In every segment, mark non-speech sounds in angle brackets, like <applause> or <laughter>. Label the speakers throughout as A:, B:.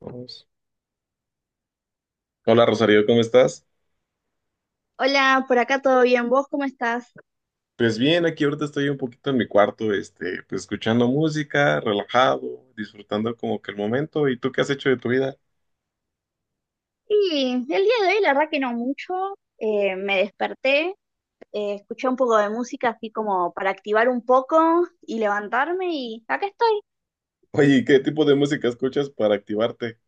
A: Vamos. Hola Rosario, ¿cómo estás?
B: Hola, por acá todo bien, ¿vos cómo estás?
A: Pues bien, aquí ahorita estoy un poquito en mi cuarto, este, pues escuchando música, relajado, disfrutando como que el momento. ¿Y tú qué has hecho de tu vida?
B: Y el día de hoy la verdad que no mucho, me desperté, escuché un poco de música así como para activar un poco y levantarme y acá estoy.
A: Oye, ¿¿qué tipo de música escuchas para activarte?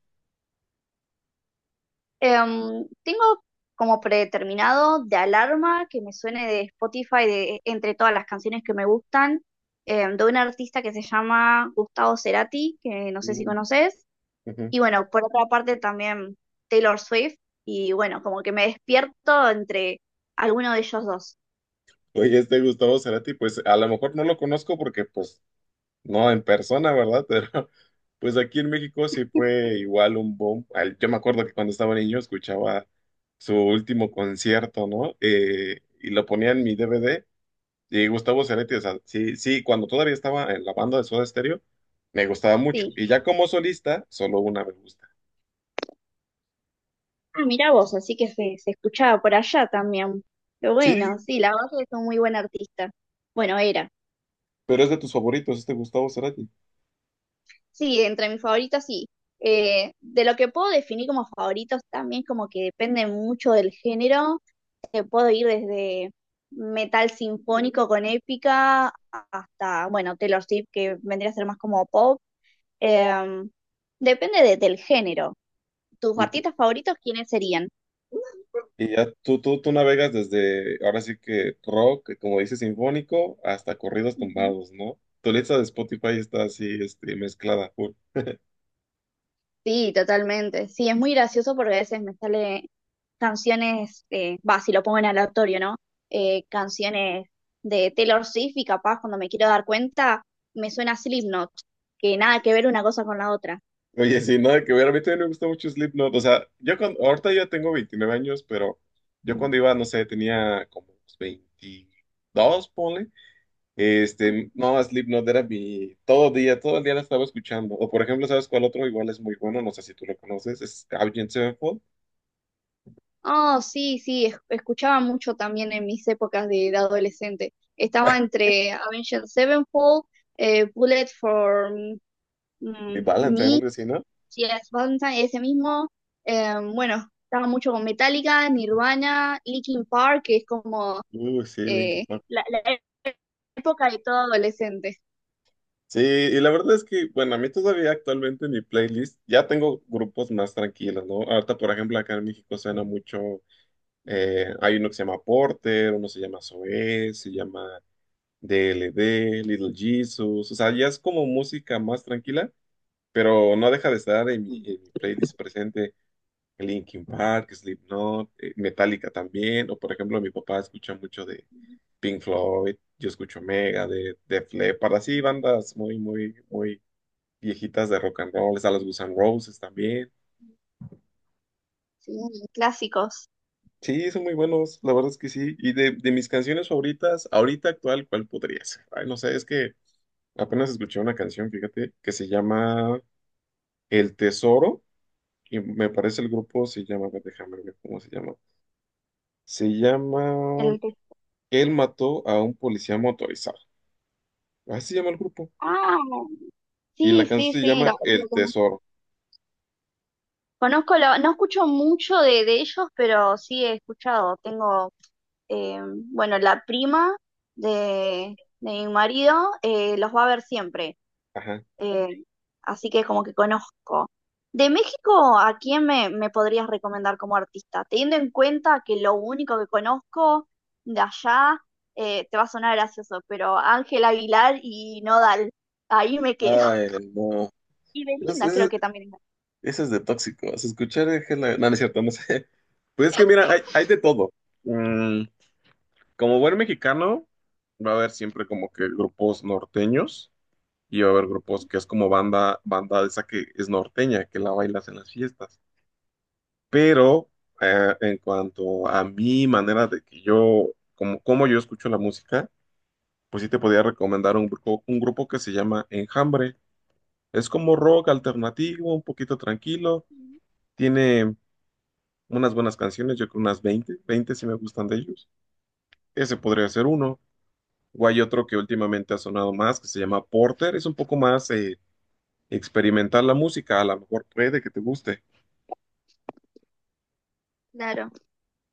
B: Tengo como predeterminado de alarma que me suene de Spotify entre todas las canciones que me gustan, de un artista que se llama Gustavo Cerati, que no sé si
A: Mm,
B: conoces.
A: ujú.
B: Y bueno, por otra parte también Taylor Swift. Y bueno, como que me despierto entre alguno de ellos dos.
A: Oye, este Gustavo Cerati, pues a lo mejor no lo conozco porque pues no, en persona, ¿verdad? <laughs> Pero pues aquí en México sí fue igual un boom. Yo me acuerdo que cuando estaba niño escuchaba su último concierto, ¿no? Y lo ponía en mi DVD. Y Gustavo Cerati, o sea, sí, sí, cuando todavía estaba en la banda de Soda Stereo, me gustaba mucho.
B: Sí.
A: Y ya como solista, solo una me gusta.
B: Ah, mirá vos, así que se escuchaba por allá también. Pero bueno,
A: Sí,
B: sí, la verdad que es un muy buen artista. Bueno, era.
A: pero es de tus favoritos, este Gustavo Cerati.
B: Sí, entre mis favoritos, sí. De lo que puedo definir como favoritos también, como que depende mucho del género. Puedo ir desde metal sinfónico con épica hasta, bueno, Taylor Swift, que vendría a ser más como pop. Em, Depende del género. ¿Tus artistas favoritos quiénes serían?
A: Y ya tú navegas desde, ahora sí que rock, como dices, sinfónico, hasta corridos
B: Ujú.
A: tumbados, ¿no? Tu lista de Spotify está así, este, mezclada, full.
B: Sí, totalmente. Sí, es muy gracioso porque a veces me sale canciones, va, si lo pongo en aleatorio, ¿no? Canciones de Taylor Swift y capaz cuando me quiero dar cuenta me suena Slipknot, que nada que ver una cosa con la otra.
A: Oye, sí, nada que ver, a mí también me gusta mucho Slipknot, o sea, yo cuando, ahorita ya tengo 29 años, pero yo cuando iba, no sé, tenía como unos 22, ponle, este, no, Slipknot era mi, todo día, todo el día la estaba escuchando, o por ejemplo, ¿sabes cuál otro? Igual es muy bueno, no sé si tú lo conoces, es Avenged Sevenfold,
B: Oh, sí, sí, escuchaba mucho también en mis épocas de adolescente. Estaba entre Avenged Sevenfold, Bullet for
A: mi Valentine,
B: Me,
A: algo así, ¿no?
B: Yes Valentine, ese mismo. Bueno, estaba mucho con Metallica, Nirvana, Linkin Park, que es como
A: Sí, Linkin Park.
B: la época de todo adolescente.
A: Sí, y la verdad es que, bueno, a mí todavía actualmente en mi playlist ya tengo grupos más tranquilos, ¿no? Ahorita, por ejemplo, acá en México suena mucho, hay uno que se llama Porter, uno se llama Zoé, se llama DLD, Little Jesus, o sea, ya es como música más tranquila, pero no deja de estar en mi playlist presente Linkin Park, Slipknot, Metallica también, o por ejemplo, mi papá escucha mucho de Pink Floyd, yo escucho Megadeth, Def Leppard, así bandas muy, muy, muy viejitas de rock and roll, está las Guns N' Roses también.
B: Sí, clásicos.
A: Sí, son muy buenos, la verdad es que sí. Y de mis canciones favoritas, ahorita actual, ¿cuál podría ser? Ay, no sé, es que apenas escuché una canción, fíjate, que se llama El Tesoro, y me parece el grupo se llama, a ver, déjame ver cómo se llama. Se llama
B: El que-
A: Él mató a un policía motorizado. Así se llama el grupo.
B: Ah,
A: Y la
B: sí, sí,
A: canción se
B: sí,
A: llama
B: lo,
A: El
B: lo
A: Tesoro.
B: conozco. No escucho mucho de ellos, pero sí he escuchado. Tengo, eh, bueno, la prima de mi marido los va a ver siempre,
A: Ajá.
B: eh, así que como que conozco. De México, ¿a quién me podrías recomendar como artista? Teniendo en cuenta que lo único que conozco de allá, te va a sonar gracioso, pero Ángel Aguilar y Nodal, ahí me quedo.
A: Ay,
B: <laughs>
A: no.
B: Y
A: Es,
B: Belinda creo
A: es-
B: que también.
A: Eso es de tóxicos. Escuchar es que no, no es cierto, no sé. <laughs> Pues es que mira, hay de todo. Mm, como buen mexicano, va a haber siempre como que grupos norteños y va a haber grupos que es como banda, banda esa que es norteña, que la bailas en las fiestas. Pero en cuanto a mi manera de que yo, como, como yo escucho la música, pues sí te podría recomendar un grupo que se llama Enjambre. Es como rock alternativo, un poquito tranquilo. Tiene unas buenas canciones, yo creo unas 20 20 si me gustan de ellos. Ese podría ser uno. O hay otro que últimamente ha sonado más, que se llama Porter. Es un poco más experimental la música, a lo mejor puede que te guste.
B: Claro.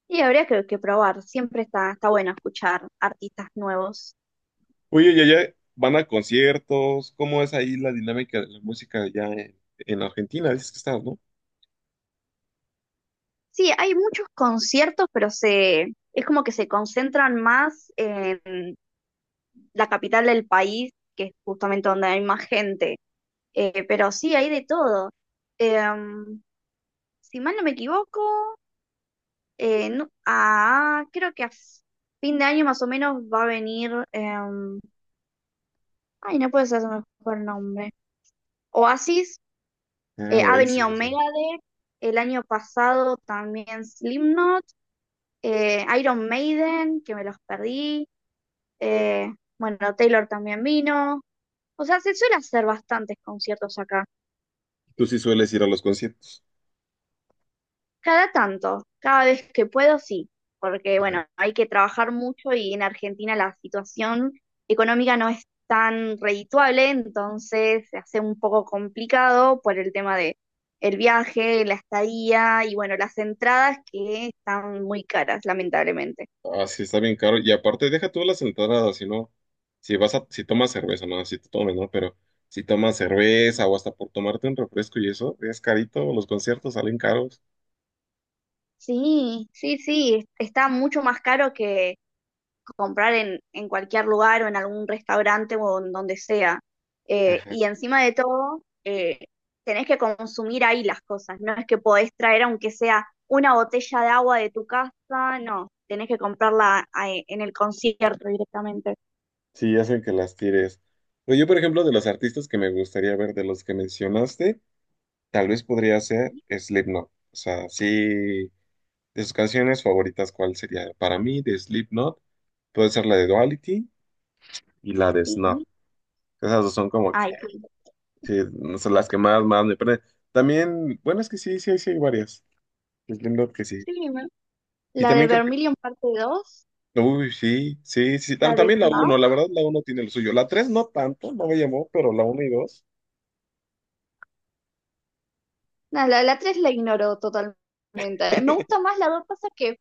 B: Y habría que probar, siempre está bueno escuchar artistas nuevos.
A: Oye, ¿y allá van a conciertos? ¿Cómo es ahí la dinámica de la música allá en Argentina? Dices que estás, ¿no?
B: Sí, hay muchos conciertos, pero es como que se concentran más en la capital del país, que es justamente donde hay más gente. Pero sí, hay de todo. Em, si mal no me equivoco, creo que a fin de año más o menos va a venir, ay, no puede ser su mejor nombre. Oasis.
A: Ah,
B: Ha
A: güey, sí,
B: venido
A: sí.
B: Megadeth, el año pasado también Slipknot, Iron Maiden, que me los perdí, eh, bueno, Taylor también vino. O sea, se suele hacer bastantes conciertos acá.
A: Tú sí sueles ir a los conciertos.
B: Cada tanto, cada vez que puedo, sí, porque bueno, hay que trabajar mucho y en Argentina la situación económica no es tan redituable, entonces se hace un poco complicado por el tema de el viaje, la estadía y bueno, las entradas que están muy caras, lamentablemente.
A: Así está bien caro. Y aparte, deja tú las entradas, si no, si vas a, si tomas cerveza, no, si te tomes, ¿no? Pero si tomas cerveza o hasta por tomarte un refresco y eso, es carito, los conciertos salen caros.
B: Sí, sí, sí, está mucho más caro que comprar en cualquier lugar o en algún restaurante o en donde sea. Y encima de todo, tenés que consumir ahí las cosas, no es que podés traer aunque sea una botella de agua de tu casa, no, tenés que comprarla en el concierto directamente.
A: Sí, hacen que las tires. Pero yo, por ejemplo, de los artistas que me gustaría ver, de los que mencionaste, tal vez podría ser Slipknot. O sea, sí, de sus canciones favoritas, ¿cuál sería? Para mí, de Slipknot, puede ser la de Duality y la de Snuff.
B: Sí,
A: Esas dos son como que
B: ay, sí.
A: sí, no son las que más, más me prenden. También, bueno, es que sí, sí, sí hay varias. Es lindo que sí.
B: Sí,
A: Y
B: la de
A: también creo
B: Vermilion parte dos,
A: que, uy, sí, sí, sí.
B: la de
A: También la uno la
B: Smash,
A: verdad, la uno tiene lo suyo. La 3 no tanto, no me llamó, pero la uno y dos
B: no, la 3 la ignoro totalmente. Me gusta más la dos, pasa que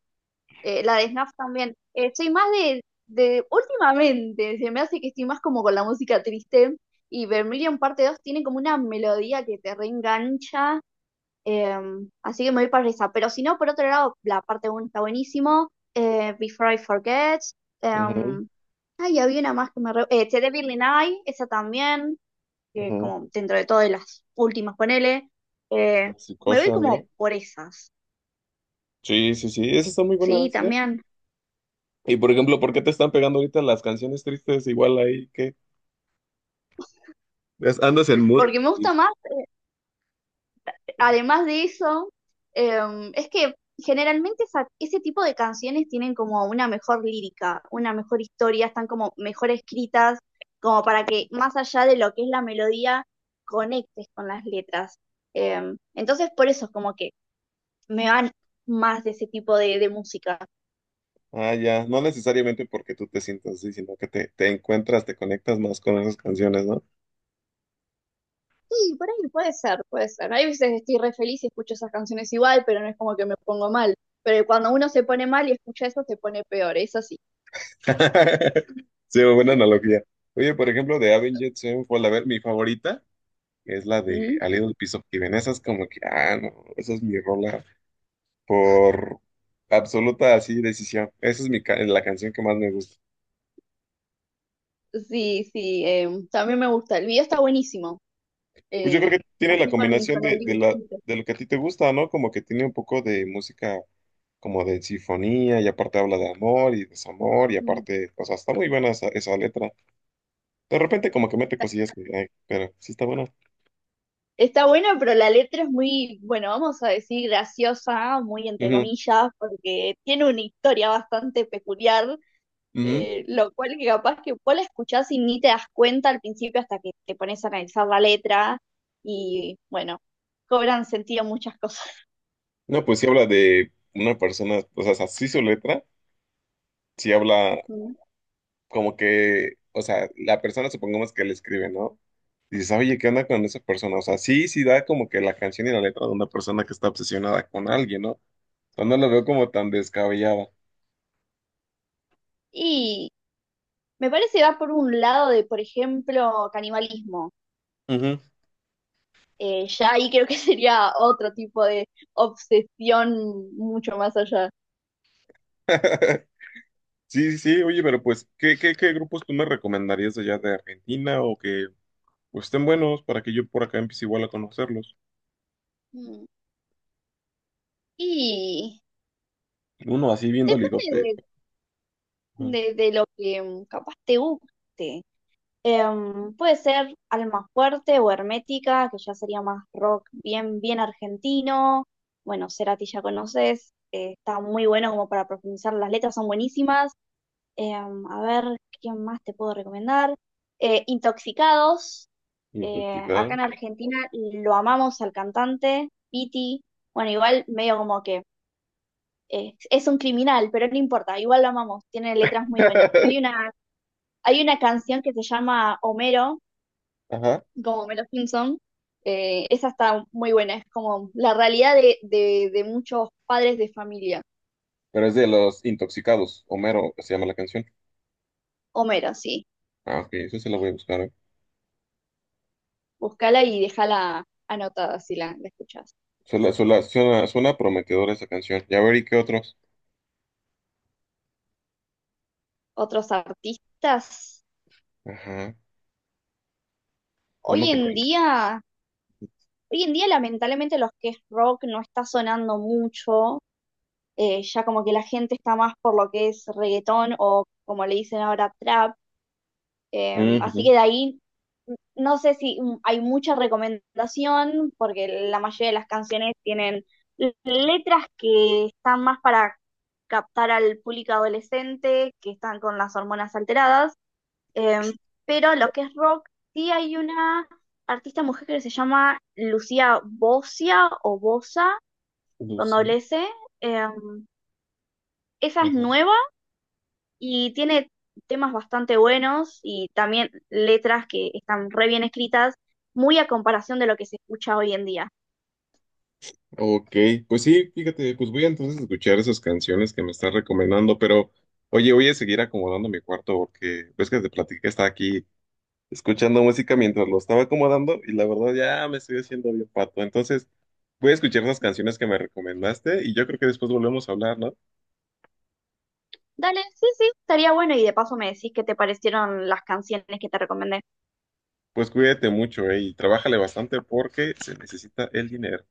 B: La de Snap también. Soy más de últimamente, se me hace que estoy más como con la música triste. Y Vermilion parte dos tiene como una melodía que te reengancha. eh, Así que me voy para esa. Pero si no, por otro lado, la parte uno está buenísimo. Before I Forget.
A: ujú,
B: em, Ay, había una más que me... Re... The Devil in I, esa también. Que es
A: ujú.
B: como dentro de todo de las últimas, ponele. Eh,
A: Así,
B: Me voy
A: cocha, ¿no?
B: como por esas.
A: Sí, sí, sí, esas están muy
B: Sí,
A: buenas, ¿eh?
B: también.
A: Y por ejemplo, ¿por qué te están pegando ahorita las canciones tristes igual ahí que andas en mood
B: Porque me gusta
A: triste?
B: más. Además de eso, es que generalmente ese tipo de canciones tienen como una mejor lírica, una mejor historia, están como mejor escritas, como para que más allá de lo que es la melodía, conectes con las letras. Entonces, por eso es como que me van más de ese tipo de música.
A: Ah, ya, no necesariamente porque tú te sientas así, sino que te encuentras, te conectas más con esas canciones, ¿no?
B: Sí, por ahí puede ser, puede ser. Hay veces estoy re feliz y escucho esas canciones igual, pero no es como que me pongo mal. Pero cuando uno se pone mal y escucha eso, se pone peor, eso sí.
A: <laughs> Sí, buena analogía. Oye, por ejemplo, de Avengers, Sevenfold, a ver, mi favorita es la de
B: ¿Mm?
A: A Little Piece of Heaven. Esa es como que, ah, no, esa es mi rola por absoluta así decisión. Esa es la canción que más me gusta.
B: Sí, sí, también me gusta. El video está buenísimo.
A: Pues yo creo
B: eh,
A: que tiene la
B: Así
A: combinación
B: con el
A: de la,
B: dibujito.
A: de lo que a ti te gusta, ¿no? Como que tiene un poco de música como de sinfonía y aparte habla de amor y desamor y
B: Mm.
A: aparte, o sea, está muy buena esa, esa letra. De repente como que mete cosillas que, ay, pero sí está buena.
B: Está bueno, pero la letra es muy, bueno, vamos a decir graciosa, muy entre
A: Ujú,
B: comillas, porque tiene una historia bastante peculiar,
A: ujú.
B: lo cual que capaz que vos la escuchás y ni te das cuenta al principio hasta que te pones a analizar la letra y, bueno, cobran sentido muchas cosas.
A: No, pues sí habla de una persona, o sea, así su letra, sí habla
B: Mm.
A: como que, o sea, la persona supongamos que le escribe, ¿no? Dices, oye, ¿qué onda con esa persona? O sea, sí, sí da como que la canción y la letra de una persona que está obsesionada con alguien, ¿no? O sea, no lo veo como tan descabellada.
B: Y me parece va por un lado de, por ejemplo, canibalismo.
A: Ujú.
B: Ya ahí creo que <laughs> sería otro tipo de obsesión mucho más allá.
A: <laughs> Sí, sí, sí, oye, pero pues, ¿qué grupos tú me recomendarías allá de Argentina o que pues, estén buenos para que yo por acá empiece igual a conocerlos?
B: Mm. Y
A: Uno así bien dolidote,
B: depende
A: ajá.
B: de lo que capaz te guste. Puede ser Alma Fuerte o Hermética, que ya sería más rock bien, bien argentino. Bueno, Cerati ya conoces, está muy bueno como para profundizar, las letras son buenísimas. A ver, ¿quién más te puedo recomendar? Intoxicados. Acá
A: Intoxicado.
B: en Argentina lo amamos al cantante, Piti. Bueno, igual medio como que es un criminal, pero no importa, igual lo amamos, tiene letras muy buenas.
A: <laughs>
B: Hay una canción que se llama Homero,
A: Ajá.
B: como Homero Simpson. Esa está muy buena, es como la realidad de muchos padres de familia.
A: Pero es de los intoxicados. Homero se llama la canción.
B: Homero, sí.
A: Ah, ok, eso se la voy a buscar. ¿Eh?
B: Búscala y déjala anotada si la escuchas.
A: Suena, suena, suena, suena prometedora esa canción. Ya veré qué otros.
B: Otros artistas.
A: Ajá. Uno
B: Hoy
A: que
B: en
A: tenga.
B: día, Hoy en día lamentablemente los que es rock no está sonando mucho, ya como que la gente está más por lo que es reggaetón o como le dicen ahora trap, así
A: Ujú.
B: que de ahí no sé si hay mucha recomendación porque la mayoría de las canciones tienen letras que están más para captar al público adolescente, que están con las hormonas alteradas. Em, pero lo que es rock, sí hay una artista mujer que se llama Lucía Bosia o Bosa, con
A: Lucía.
B: doble S. Em, Esa es
A: Ajá.
B: nueva y tiene temas bastante buenos y también letras que están re bien escritas, muy a comparación de lo que se escucha hoy en día.
A: Ok, pues sí, fíjate, pues voy a entonces escuchar esas canciones que me están recomendando, pero oye, voy a seguir acomodando mi cuarto porque ves que te platiqué que estaba aquí escuchando música mientras lo estaba acomodando y la verdad ya me estoy haciendo bien pato. Entonces voy a escuchar esas canciones que me recomendaste y yo creo que después volvemos a hablar, ¿no?
B: Dale, sí, sí, estaría bueno y de paso me decís qué te parecieron las canciones que te recomendé.
A: Pues cuídate mucho, y trabájale bastante porque se necesita el dinero.